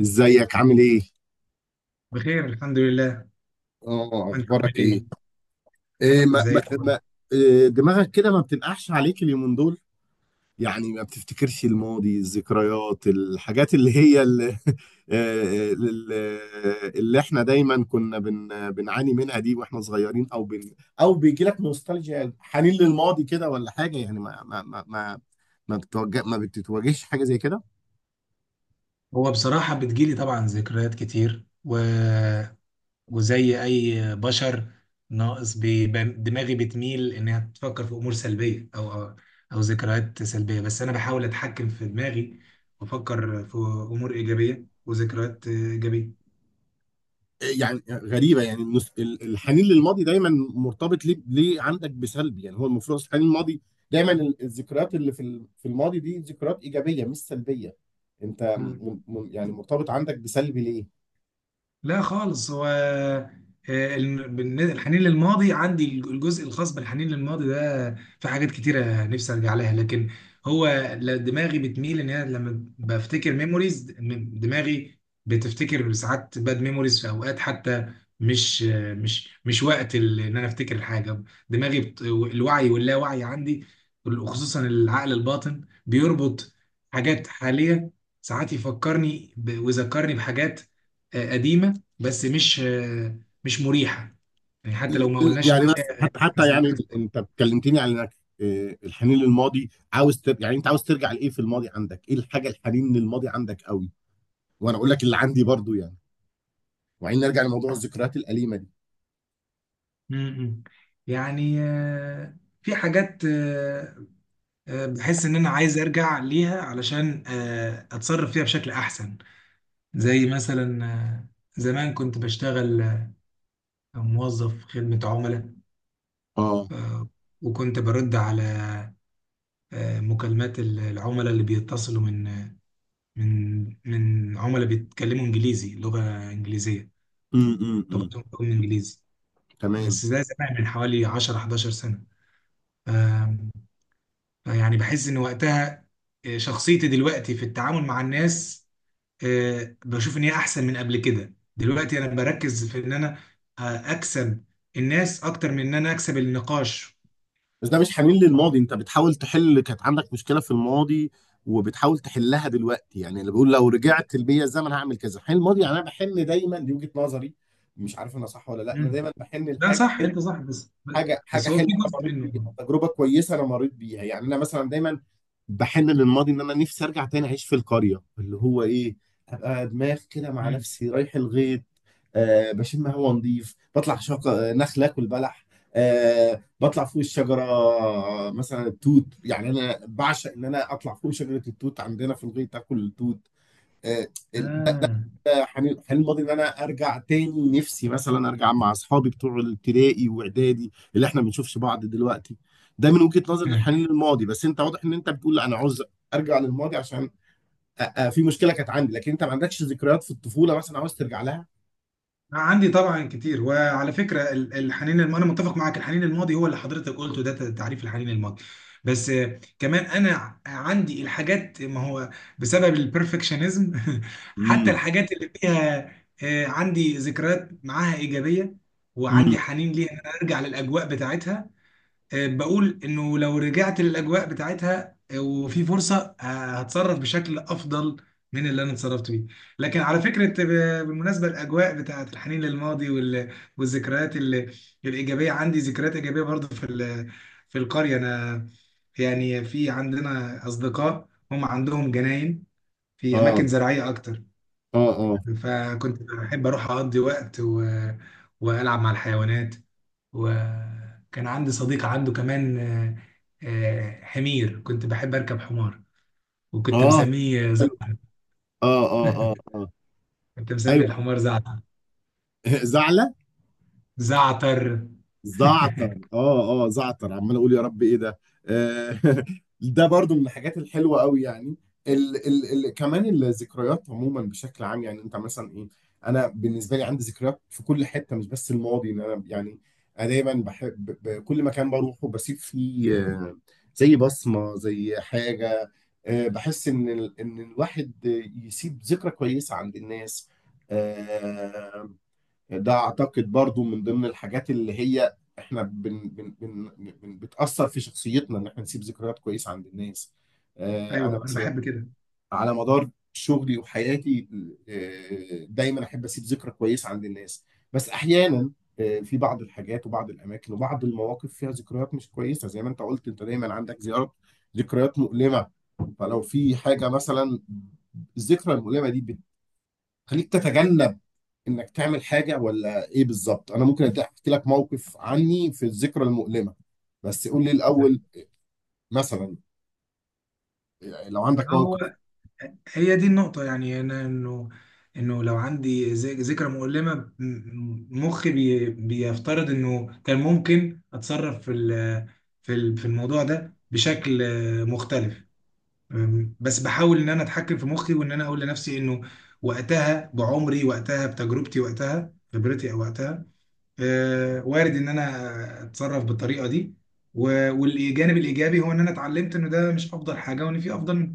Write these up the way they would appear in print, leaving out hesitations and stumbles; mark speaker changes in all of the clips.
Speaker 1: ازيك عامل ايه؟
Speaker 2: بخير الحمد لله.
Speaker 1: اه
Speaker 2: انت عامل
Speaker 1: اخبارك ايه؟
Speaker 2: ايه؟
Speaker 1: إيه ما
Speaker 2: زي
Speaker 1: ما
Speaker 2: الفل.
Speaker 1: ما إيه دماغك كده ما بتنقحش عليك اليومين دول؟ يعني ما بتفتكرش الماضي، الذكريات، الحاجات اللي هي اللي, اللي اللي احنا دايما كنا بنعاني منها دي واحنا صغيرين او او بيجي لك نوستالجيا يعني حنين للماضي كده ولا حاجة يعني ما بتتواجهش حاجة زي كده؟
Speaker 2: هو بصراحة بتجيلي طبعا ذكريات كتير، و... وزي اي بشر. دماغي بتميل انها تفكر في امور سلبية او او أو ذكريات سلبية، بس انا بحاول اتحكم في دماغي وافكر في امور ايجابية وذكريات ايجابية.
Speaker 1: يعني غريبه يعني الحنين للماضي دايما مرتبط ليه عندك بسلب، يعني هو المفروض أصل الحنين الماضي دايما الذكريات اللي في الماضي دي ذكريات ايجابيه مش سلبيه. انت يعني مرتبط عندك بسلب ليه؟
Speaker 2: لا خالص. هو الحنين للماضي عندي، الجزء الخاص بالحنين للماضي ده في حاجات كتيرة نفسي ارجع لها، لكن هو دماغي بتميل ان انا لما بفتكر ميموريز، دماغي بتفتكر ساعات باد ميموريز في اوقات، حتى مش مش وقت ان انا افتكر الحاجة. الوعي واللاوعي عندي، خصوصا العقل الباطن، بيربط حاجات حالية. ساعات يفكرني ب... ويذكرني بحاجات قديمة، بس مش مش مريحه. يعني حتى لو ما قلناش إن
Speaker 1: يعني بس
Speaker 2: عليها
Speaker 1: حتى
Speaker 2: مسميات.
Speaker 1: يعني انت اتكلمتني على انك آه، الحنين للماضي عاوز تر... يعني انت عاوز ترجع لايه في الماضي؟ عندك ايه الحاجه الحنين للماضي عندك قوي؟ وانا اقول لك اللي عندي برضو، يعني وبعدين نرجع لموضوع الذكريات الاليمه دي.
Speaker 2: م-م. يعني في حاجات بحس ان انا عايز ارجع ليها علشان اتصرف فيها بشكل احسن. زي مثلا زمان كنت بشتغل موظف خدمة عملاء.
Speaker 1: اه.
Speaker 2: آه، وكنت برد على مكالمات العملاء اللي بيتصلوا من من عملاء بيتكلموا انجليزي، لغة انجليزية.
Speaker 1: امم،
Speaker 2: طبعا
Speaker 1: امم.
Speaker 2: لغة انجليزي.
Speaker 1: تمام.
Speaker 2: بس ده زمان من حوالي 10 11 سنة. آم، يعني بحس ان وقتها شخصيتي دلوقتي في التعامل مع الناس، بشوف ان هي احسن من قبل كده. دلوقتي انا بركز في ان انا آه، اكسب الناس اكتر من ان انا اكسب النقاش.
Speaker 1: بس ده مش حنين للماضي، انت بتحاول تحل، كانت عندك مشكله في الماضي وبتحاول تحلها دلوقتي. يعني اللي بيقول لو رجعت بيا الزمن هعمل كذا، حل الماضي يعني. انا بحن دايما، دي وجهه نظري، مش عارف انا صح ولا لا. انا
Speaker 2: مم.
Speaker 1: دايما بحن
Speaker 2: ده
Speaker 1: لحاجه
Speaker 2: صح،
Speaker 1: حلوه،
Speaker 2: انت صح، بس
Speaker 1: حاجه
Speaker 2: بس هو في
Speaker 1: حلوه انا
Speaker 2: جزء
Speaker 1: مريت بيها،
Speaker 2: منه.
Speaker 1: تجربه كويسه انا مريت بيها. يعني انا مثلا دايما بحن للماضي ان انا نفسي ارجع تاني اعيش في القريه، اللي هو ايه، ابقى دماغ كده مع
Speaker 2: مم.
Speaker 1: نفسي رايح الغيط، آه بشم هوا نظيف، بطلع شجر نخل اكل بلح، آه بطلع فوق الشجره، آه، مثلا التوت. يعني انا بعشق ان انا اطلع فوق شجره التوت عندنا في الغيط اكل التوت. آه ده
Speaker 2: آه.
Speaker 1: ده حنين حنين الماضي، ان انا ارجع تاني. نفسي مثلا ارجع مع اصحابي بتوع الابتدائي واعدادي اللي احنا ما بنشوفش بعض دلوقتي. ده من وجهه نظر الحنين للماضي، بس انت واضح ان انت بتقول لا انا عاوز ارجع للماضي عشان في مشكله كانت عندي. لكن انت ما عندكش ذكريات في الطفوله مثلا عاوز ترجع لها؟
Speaker 2: عندي طبعا كتير، وعلى فكره انا متفق معاك. الحنين الماضي هو اللي حضرتك قلته ده تعريف الحنين الماضي. بس كمان انا عندي الحاجات، ما هو بسبب البرفكشنزم. حتى
Speaker 1: امم،
Speaker 2: الحاجات اللي فيها عندي ذكريات معاها ايجابيه
Speaker 1: امم.
Speaker 2: وعندي حنين ليها ان انا ارجع للاجواء بتاعتها. بقول انه لو رجعت للاجواء بتاعتها وفي فرصه، آه، هتصرف بشكل افضل من اللي انا اتصرفت بيه. لكن على فكره، بالمناسبه الاجواء بتاعت الحنين للماضي والذكريات الايجابيه، عندي ذكريات ايجابيه برضه في في القريه. انا يعني في عندنا اصدقاء هم عندهم جناين في
Speaker 1: اه
Speaker 2: اماكن زراعيه اكتر.
Speaker 1: اه اه
Speaker 2: فكنت بحب اروح اقضي وقت و... والعب مع الحيوانات. وكان عندي صديق عنده كمان حمير، كنت بحب اركب حمار، وكنت
Speaker 1: اه.
Speaker 2: مسميه
Speaker 1: حلو.
Speaker 2: زعتر.
Speaker 1: اه اه اه اه.
Speaker 2: كنت مسمي
Speaker 1: ايوه.
Speaker 2: الحمار زعتر.
Speaker 1: زعلة.
Speaker 2: زعتر.
Speaker 1: زعتر، اه اه، زعتر، عمال اقول يا رب ايه ده. آه، ده برضو من الحاجات الحلوه قوي يعني. ال ال ال كمان الذكريات عموما بشكل عام، يعني انت مثلا ايه؟ انا بالنسبه لي عندي ذكريات في كل حته، مش بس الماضي. ان انا يعني انا دايما بحب كل مكان بروحه بسيب فيه آه، زي بصمه، زي حاجه، آه، بحس ان ان الواحد يسيب ذكرى كويسه عند الناس. آه، ده اعتقد برضو من ضمن الحاجات اللي هي احنا بن بن بن بن بتأثر في شخصيتنا، ان احنا نسيب ذكريات كويسة عند الناس. آه، انا
Speaker 2: ايوه انا
Speaker 1: مثلا
Speaker 2: بحب كده.
Speaker 1: على مدار شغلي وحياتي آه، دايما احب اسيب ذكرى كويسة عند الناس. بس احيانا آه، في بعض الحاجات وبعض الاماكن وبعض المواقف فيها ذكريات مش كويسة، زي ما انت قلت انت دايما عندك زيارات، ذكريات مؤلمة. فلو في حاجة مثلا، الذكرى المؤلمة دي بتخليك تتجنب انك تعمل حاجه ولا ايه بالظبط؟ انا ممكن احكي لك موقف عني في الذكرى المؤلمه، بس قول لي الاول مثلا لو عندك موقف.
Speaker 2: هو هي دي النقطة. يعني أنا إنه إنه لو عندي ذكرى مؤلمة، مخي بيفترض إنه كان ممكن أتصرف في في الموضوع ده بشكل مختلف. بس بحاول إن أنا أتحكم في مخي، وإن أنا أقول لنفسي إنه وقتها بعمري، وقتها بتجربتي، وقتها خبرتي، أو وقتها وارد إن أنا أتصرف بالطريقة دي. والجانب الإيجابي هو إن أنا اتعلمت إنه ده مش أفضل حاجة، وإن في أفضل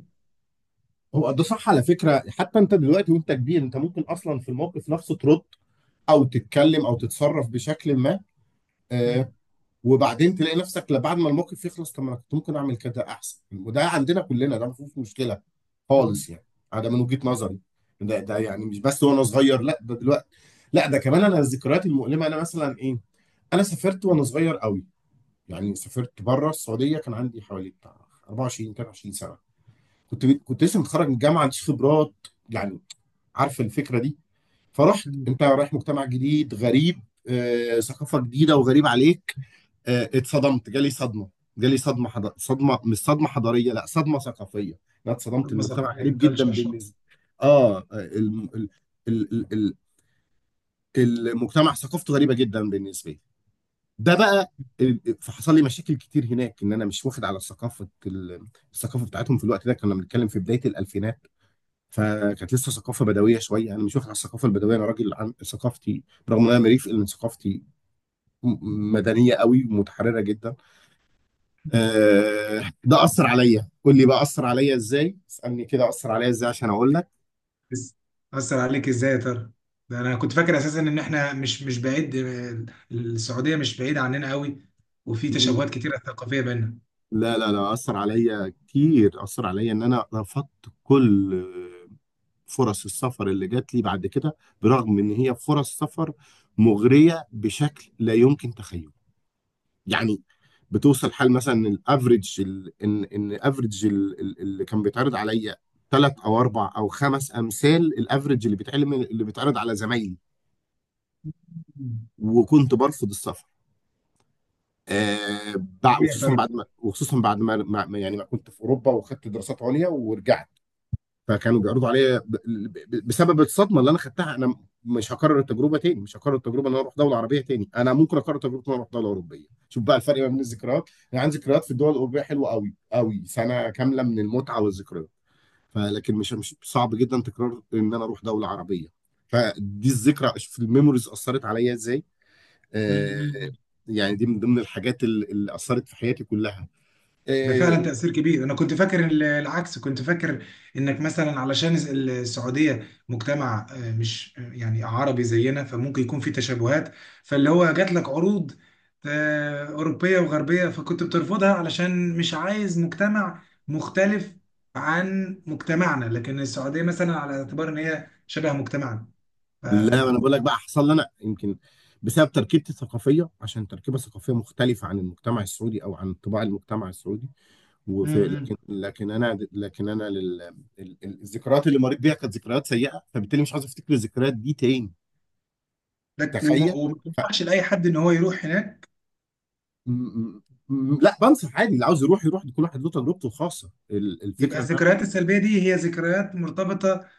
Speaker 1: هو ده صح على فكره، حتى انت دلوقتي وانت كبير، انت ممكن اصلا في الموقف نفسه ترد او تتكلم او تتصرف بشكل ما،
Speaker 2: منه.
Speaker 1: آه وبعدين تلاقي نفسك لا، بعد ما الموقف يخلص، طب ما انا كنت ممكن اعمل كده احسن. وده عندنا كلنا، ده ما فيهوش مشكله خالص يعني، ده من وجهه نظري. ده يعني مش بس وانا صغير، لا ده دلوقتي، لا ده كمان. انا الذكريات المؤلمه انا مثلا ايه، انا سافرت وانا صغير قوي، يعني سافرت بره السعوديه. كان عندي حوالي بتاع 24 23 سنه، كنت لسه متخرج من الجامعه، عنديش خبرات يعني، عارف الفكره دي. فرحت
Speaker 2: مم.
Speaker 1: انت رايح مجتمع جديد غريب، آه، ثقافه جديده وغريب عليك، آه، اتصدمت، جالي صدمه، صدمه، مش صدمه حضاريه لا صدمه ثقافيه. انا اتصدمت،
Speaker 2: صدمة
Speaker 1: المجتمع
Speaker 2: ثقافية،
Speaker 1: غريب جدا
Speaker 2: كالتشر شوك.
Speaker 1: بالنسبه. اه ال... ال... المجتمع ثقافته غريبه جدا بالنسبه لي، ده بقى. فحصل لي مشاكل كتير هناك ان انا مش واخد على ثقافه الثقافه بتاعتهم. في الوقت ده كنا بنتكلم في بدايه الالفينات، فكانت لسه ثقافه بدويه شويه، انا مش واخد على الثقافه البدويه، انا راجل عن ثقافتي، برغم ان انا مريف ان ثقافتي مدنيه قوي ومتحرره جدا. آه، ده اثر عليا، قول لي بقى اثر عليا ازاي، اسالني كده اثر عليا ازاي عشان اقول لك.
Speaker 2: بس أثر عليك إزاي يا ترى؟ ده أنا كنت فاكر أساسا إن إحنا مش بعيد، السعودية مش بعيدة عننا قوي، وفي تشابهات كتيرة ثقافية بيننا.
Speaker 1: لا لا لا، اثر عليا كتير، اثر عليا ان انا رفضت كل فرص السفر اللي جات لي بعد كده، برغم ان هي فرص سفر مغريه بشكل لا يمكن تخيله. يعني بتوصل حال مثلا الافريج ال- ان ان افريج اللي كان بيتعرض عليا 3 او 4 او 5 امثال الافريج اللي بيتعلم اللي بيتعرض على زمايلي، وكنت برفض السفر. آه
Speaker 2: إيه يا
Speaker 1: وخصوصا
Speaker 2: ترى؟
Speaker 1: بعد ما يعني ما كنت في اوروبا وخدت دراسات عليا ورجعت، فكانوا بيعرضوا عليا، بسبب الصدمه اللي انا خدتها، انا مش هكرر التجربه تاني، مش هكرر التجربه ان انا اروح دوله عربيه تاني. انا ممكن اكرر تجربه ان انا اروح دوله اوروبيه. شوف بقى الفرق ما بين الذكريات، انا عندي ذكريات في الدول الاوروبيه حلوه قوي قوي، 1 سنة كاملة من المتعه والذكريات. فلكن مش صعب جدا تكرار ان انا اروح دوله عربيه. فدي الذكرى في الميموريز اثرت عليا ازاي، آه، يعني دي من ضمن الحاجات اللي اثرت في حياتي كلها
Speaker 2: ده
Speaker 1: آه،.
Speaker 2: فعلا تأثير كبير. أنا كنت فاكر العكس، كنت فاكر إنك مثلا علشان السعودية مجتمع آه، مش آه، يعني عربي زينا، فممكن يكون في تشابهات، فاللي هو جات لك عروض أوروبية وغربية فكنت بترفضها علشان مش عايز مجتمع مختلف عن مجتمعنا، لكن السعودية مثلا على اعتبار إن هي شبه مجتمعنا ف...
Speaker 1: لا ما انا بقول لك بقى، حصل لي انا يمكن بسبب تركيبتي الثقافيه، عشان تركيبه ثقافيه مختلفه عن المجتمع السعودي او عن طباع المجتمع السعودي.
Speaker 2: م-
Speaker 1: وفي
Speaker 2: م.
Speaker 1: لكن انا الذكريات اللي مريت بيها كانت ذكريات سيئه، فبالتالي مش عاوز افتكر الذكريات دي تاني. تخيل.
Speaker 2: وما بنصحش لأي حد إن هو يروح هناك.
Speaker 1: م- م- لا بنصح عادي، اللي عاوز يروح يروح، كل واحد له تجربته الخاصه.
Speaker 2: يبقى
Speaker 1: الفكره
Speaker 2: الذكريات السلبية دي هي ذكريات مرتبطة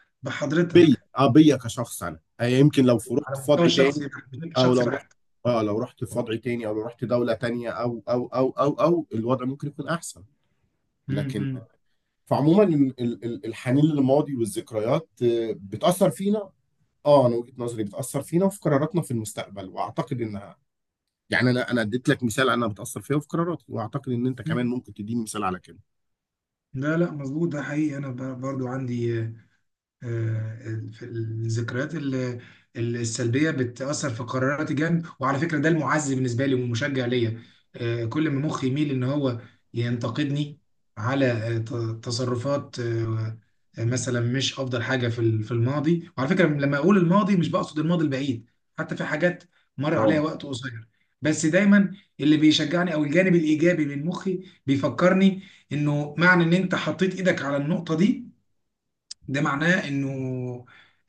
Speaker 1: بيا،
Speaker 2: بحضرتك
Speaker 1: اه بيا كشخص انا، آه يمكن لو رحت
Speaker 2: على
Speaker 1: في
Speaker 2: المستوى
Speaker 1: وضع
Speaker 2: الشخصي
Speaker 1: تاني
Speaker 2: بحت، مش
Speaker 1: او لو
Speaker 2: شخصي
Speaker 1: رحت
Speaker 2: بحت.
Speaker 1: اه لو رحت في وضع تاني او لو رحت دولة تانية او الوضع ممكن يكون احسن.
Speaker 2: مم،
Speaker 1: لكن
Speaker 2: مم،
Speaker 1: فعموما الحنين للماضي والذكريات آه، بتأثر فينا. اه انا وجهة نظري بتأثر فينا وفي قراراتنا في المستقبل، واعتقد انها يعني. انا اديت لك مثال، انا بتأثر فيها وفي قراراتي، واعتقد ان انت كمان
Speaker 2: مم.
Speaker 1: ممكن تديني مثال على كده.
Speaker 2: لا لا، مظبوط، ده حقيقي. انا برضو عندي آه، في الذكريات السلبيه بتاثر في قراراتي جامد. وعلى فكره ده المعزي بالنسبه لي والمشجع ليا. كل ما مخي يميل ان هو ينتقدني على تصرفات مثلا مش افضل حاجه في في الماضي. وعلى فكره لما اقول الماضي مش بقصد الماضي البعيد، حتى في حاجات مر عليها
Speaker 1: اه
Speaker 2: وقت قصير. بس دايما اللي بيشجعني او الجانب الايجابي من مخي بيفكرني انه معنى ان انت حطيت ايدك على النقطه دي، ده معناه انه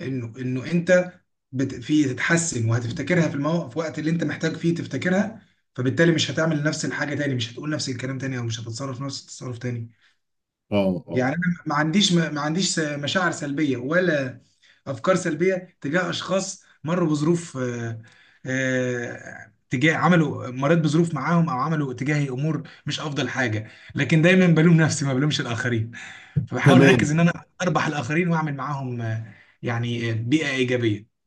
Speaker 2: انه انت في تتحسن، وهتفتكرها في في وقت اللي انت محتاج فيه تفتكرها، فبالتالي مش هتعمل نفس الحاجه تاني، مش هتقول نفس الكلام تاني، او مش هتتصرف نفس التصرف تاني.
Speaker 1: اه اه.
Speaker 2: يعني انا ما عنديش ما عنديش مشاعر سلبيه ولا افكار سلبيه تجاه اشخاص مروا بظروف آه، آه، تجاه عملوا مريت بظروف معاهم او عملوا تجاهي امور مش افضل حاجه، لكن دايما بلوم نفسي ما بلومش الاخرين. فبحاول
Speaker 1: تمام
Speaker 2: اركز ان انا اربح الاخرين واعمل معاهم يعني بيئه ايجابيه.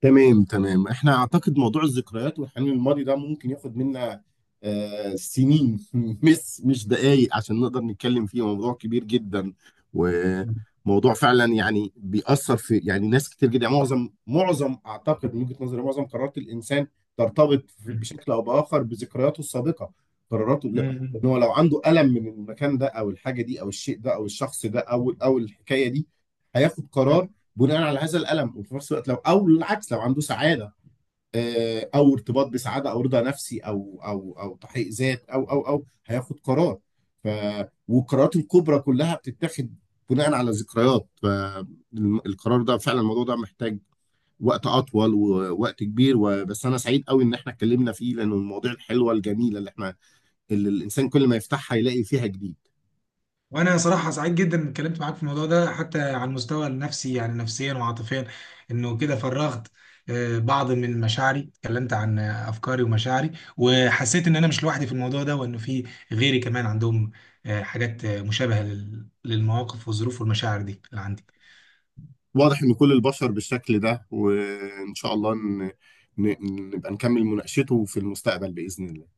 Speaker 1: تمام تمام. احنا اعتقد موضوع الذكريات والحنين للماضي ده ممكن ياخد منا آه سنين مش مش دقايق، عشان نقدر نتكلم فيه. موضوع كبير جدا،
Speaker 2: مم.
Speaker 1: وموضوع فعلا يعني بيأثر في يعني ناس كتير جدا. يعني معظم معظم اعتقد من وجهة نظري معظم قرارات الانسان ترتبط بشكل او باخر بذكرياته السابقة، قراراته
Speaker 2: مم.
Speaker 1: ان هو لو عنده ألم من المكان ده او الحاجة دي او الشيء ده او الشخص ده او الحكاية دي، هياخد
Speaker 2: مم.
Speaker 1: قرار بناء على هذا الالم. وفي نفس الوقت لو، او العكس، لو عنده سعاده آه، او ارتباط بسعاده او رضا نفسي او تحقيق ذات او هياخد قرار. ف والقرارات الكبرى كلها بتتاخد بناء على ذكريات. فالقرار ده فعلا، الموضوع ده محتاج وقت اطول ووقت كبير، وبس انا سعيد قوي ان احنا اتكلمنا فيه، لانه المواضيع الحلوه الجميله اللي احنا، اللي الانسان كل ما يفتحها يلاقي فيها جديد.
Speaker 2: وانا صراحه سعيد جدا إني اتكلمت معاك في الموضوع ده، حتى على المستوى النفسي يعني، نفسيا وعاطفيا، انه كده فرغت بعض من مشاعري، اتكلمت عن افكاري ومشاعري، وحسيت ان انا مش لوحدي في الموضوع ده، وانه في غيري كمان عندهم حاجات مشابهه للمواقف والظروف والمشاعر دي اللي عندي.
Speaker 1: واضح ان كل البشر بالشكل ده، وان شاء الله ن... نبقى نكمل مناقشته في المستقبل باذن الله.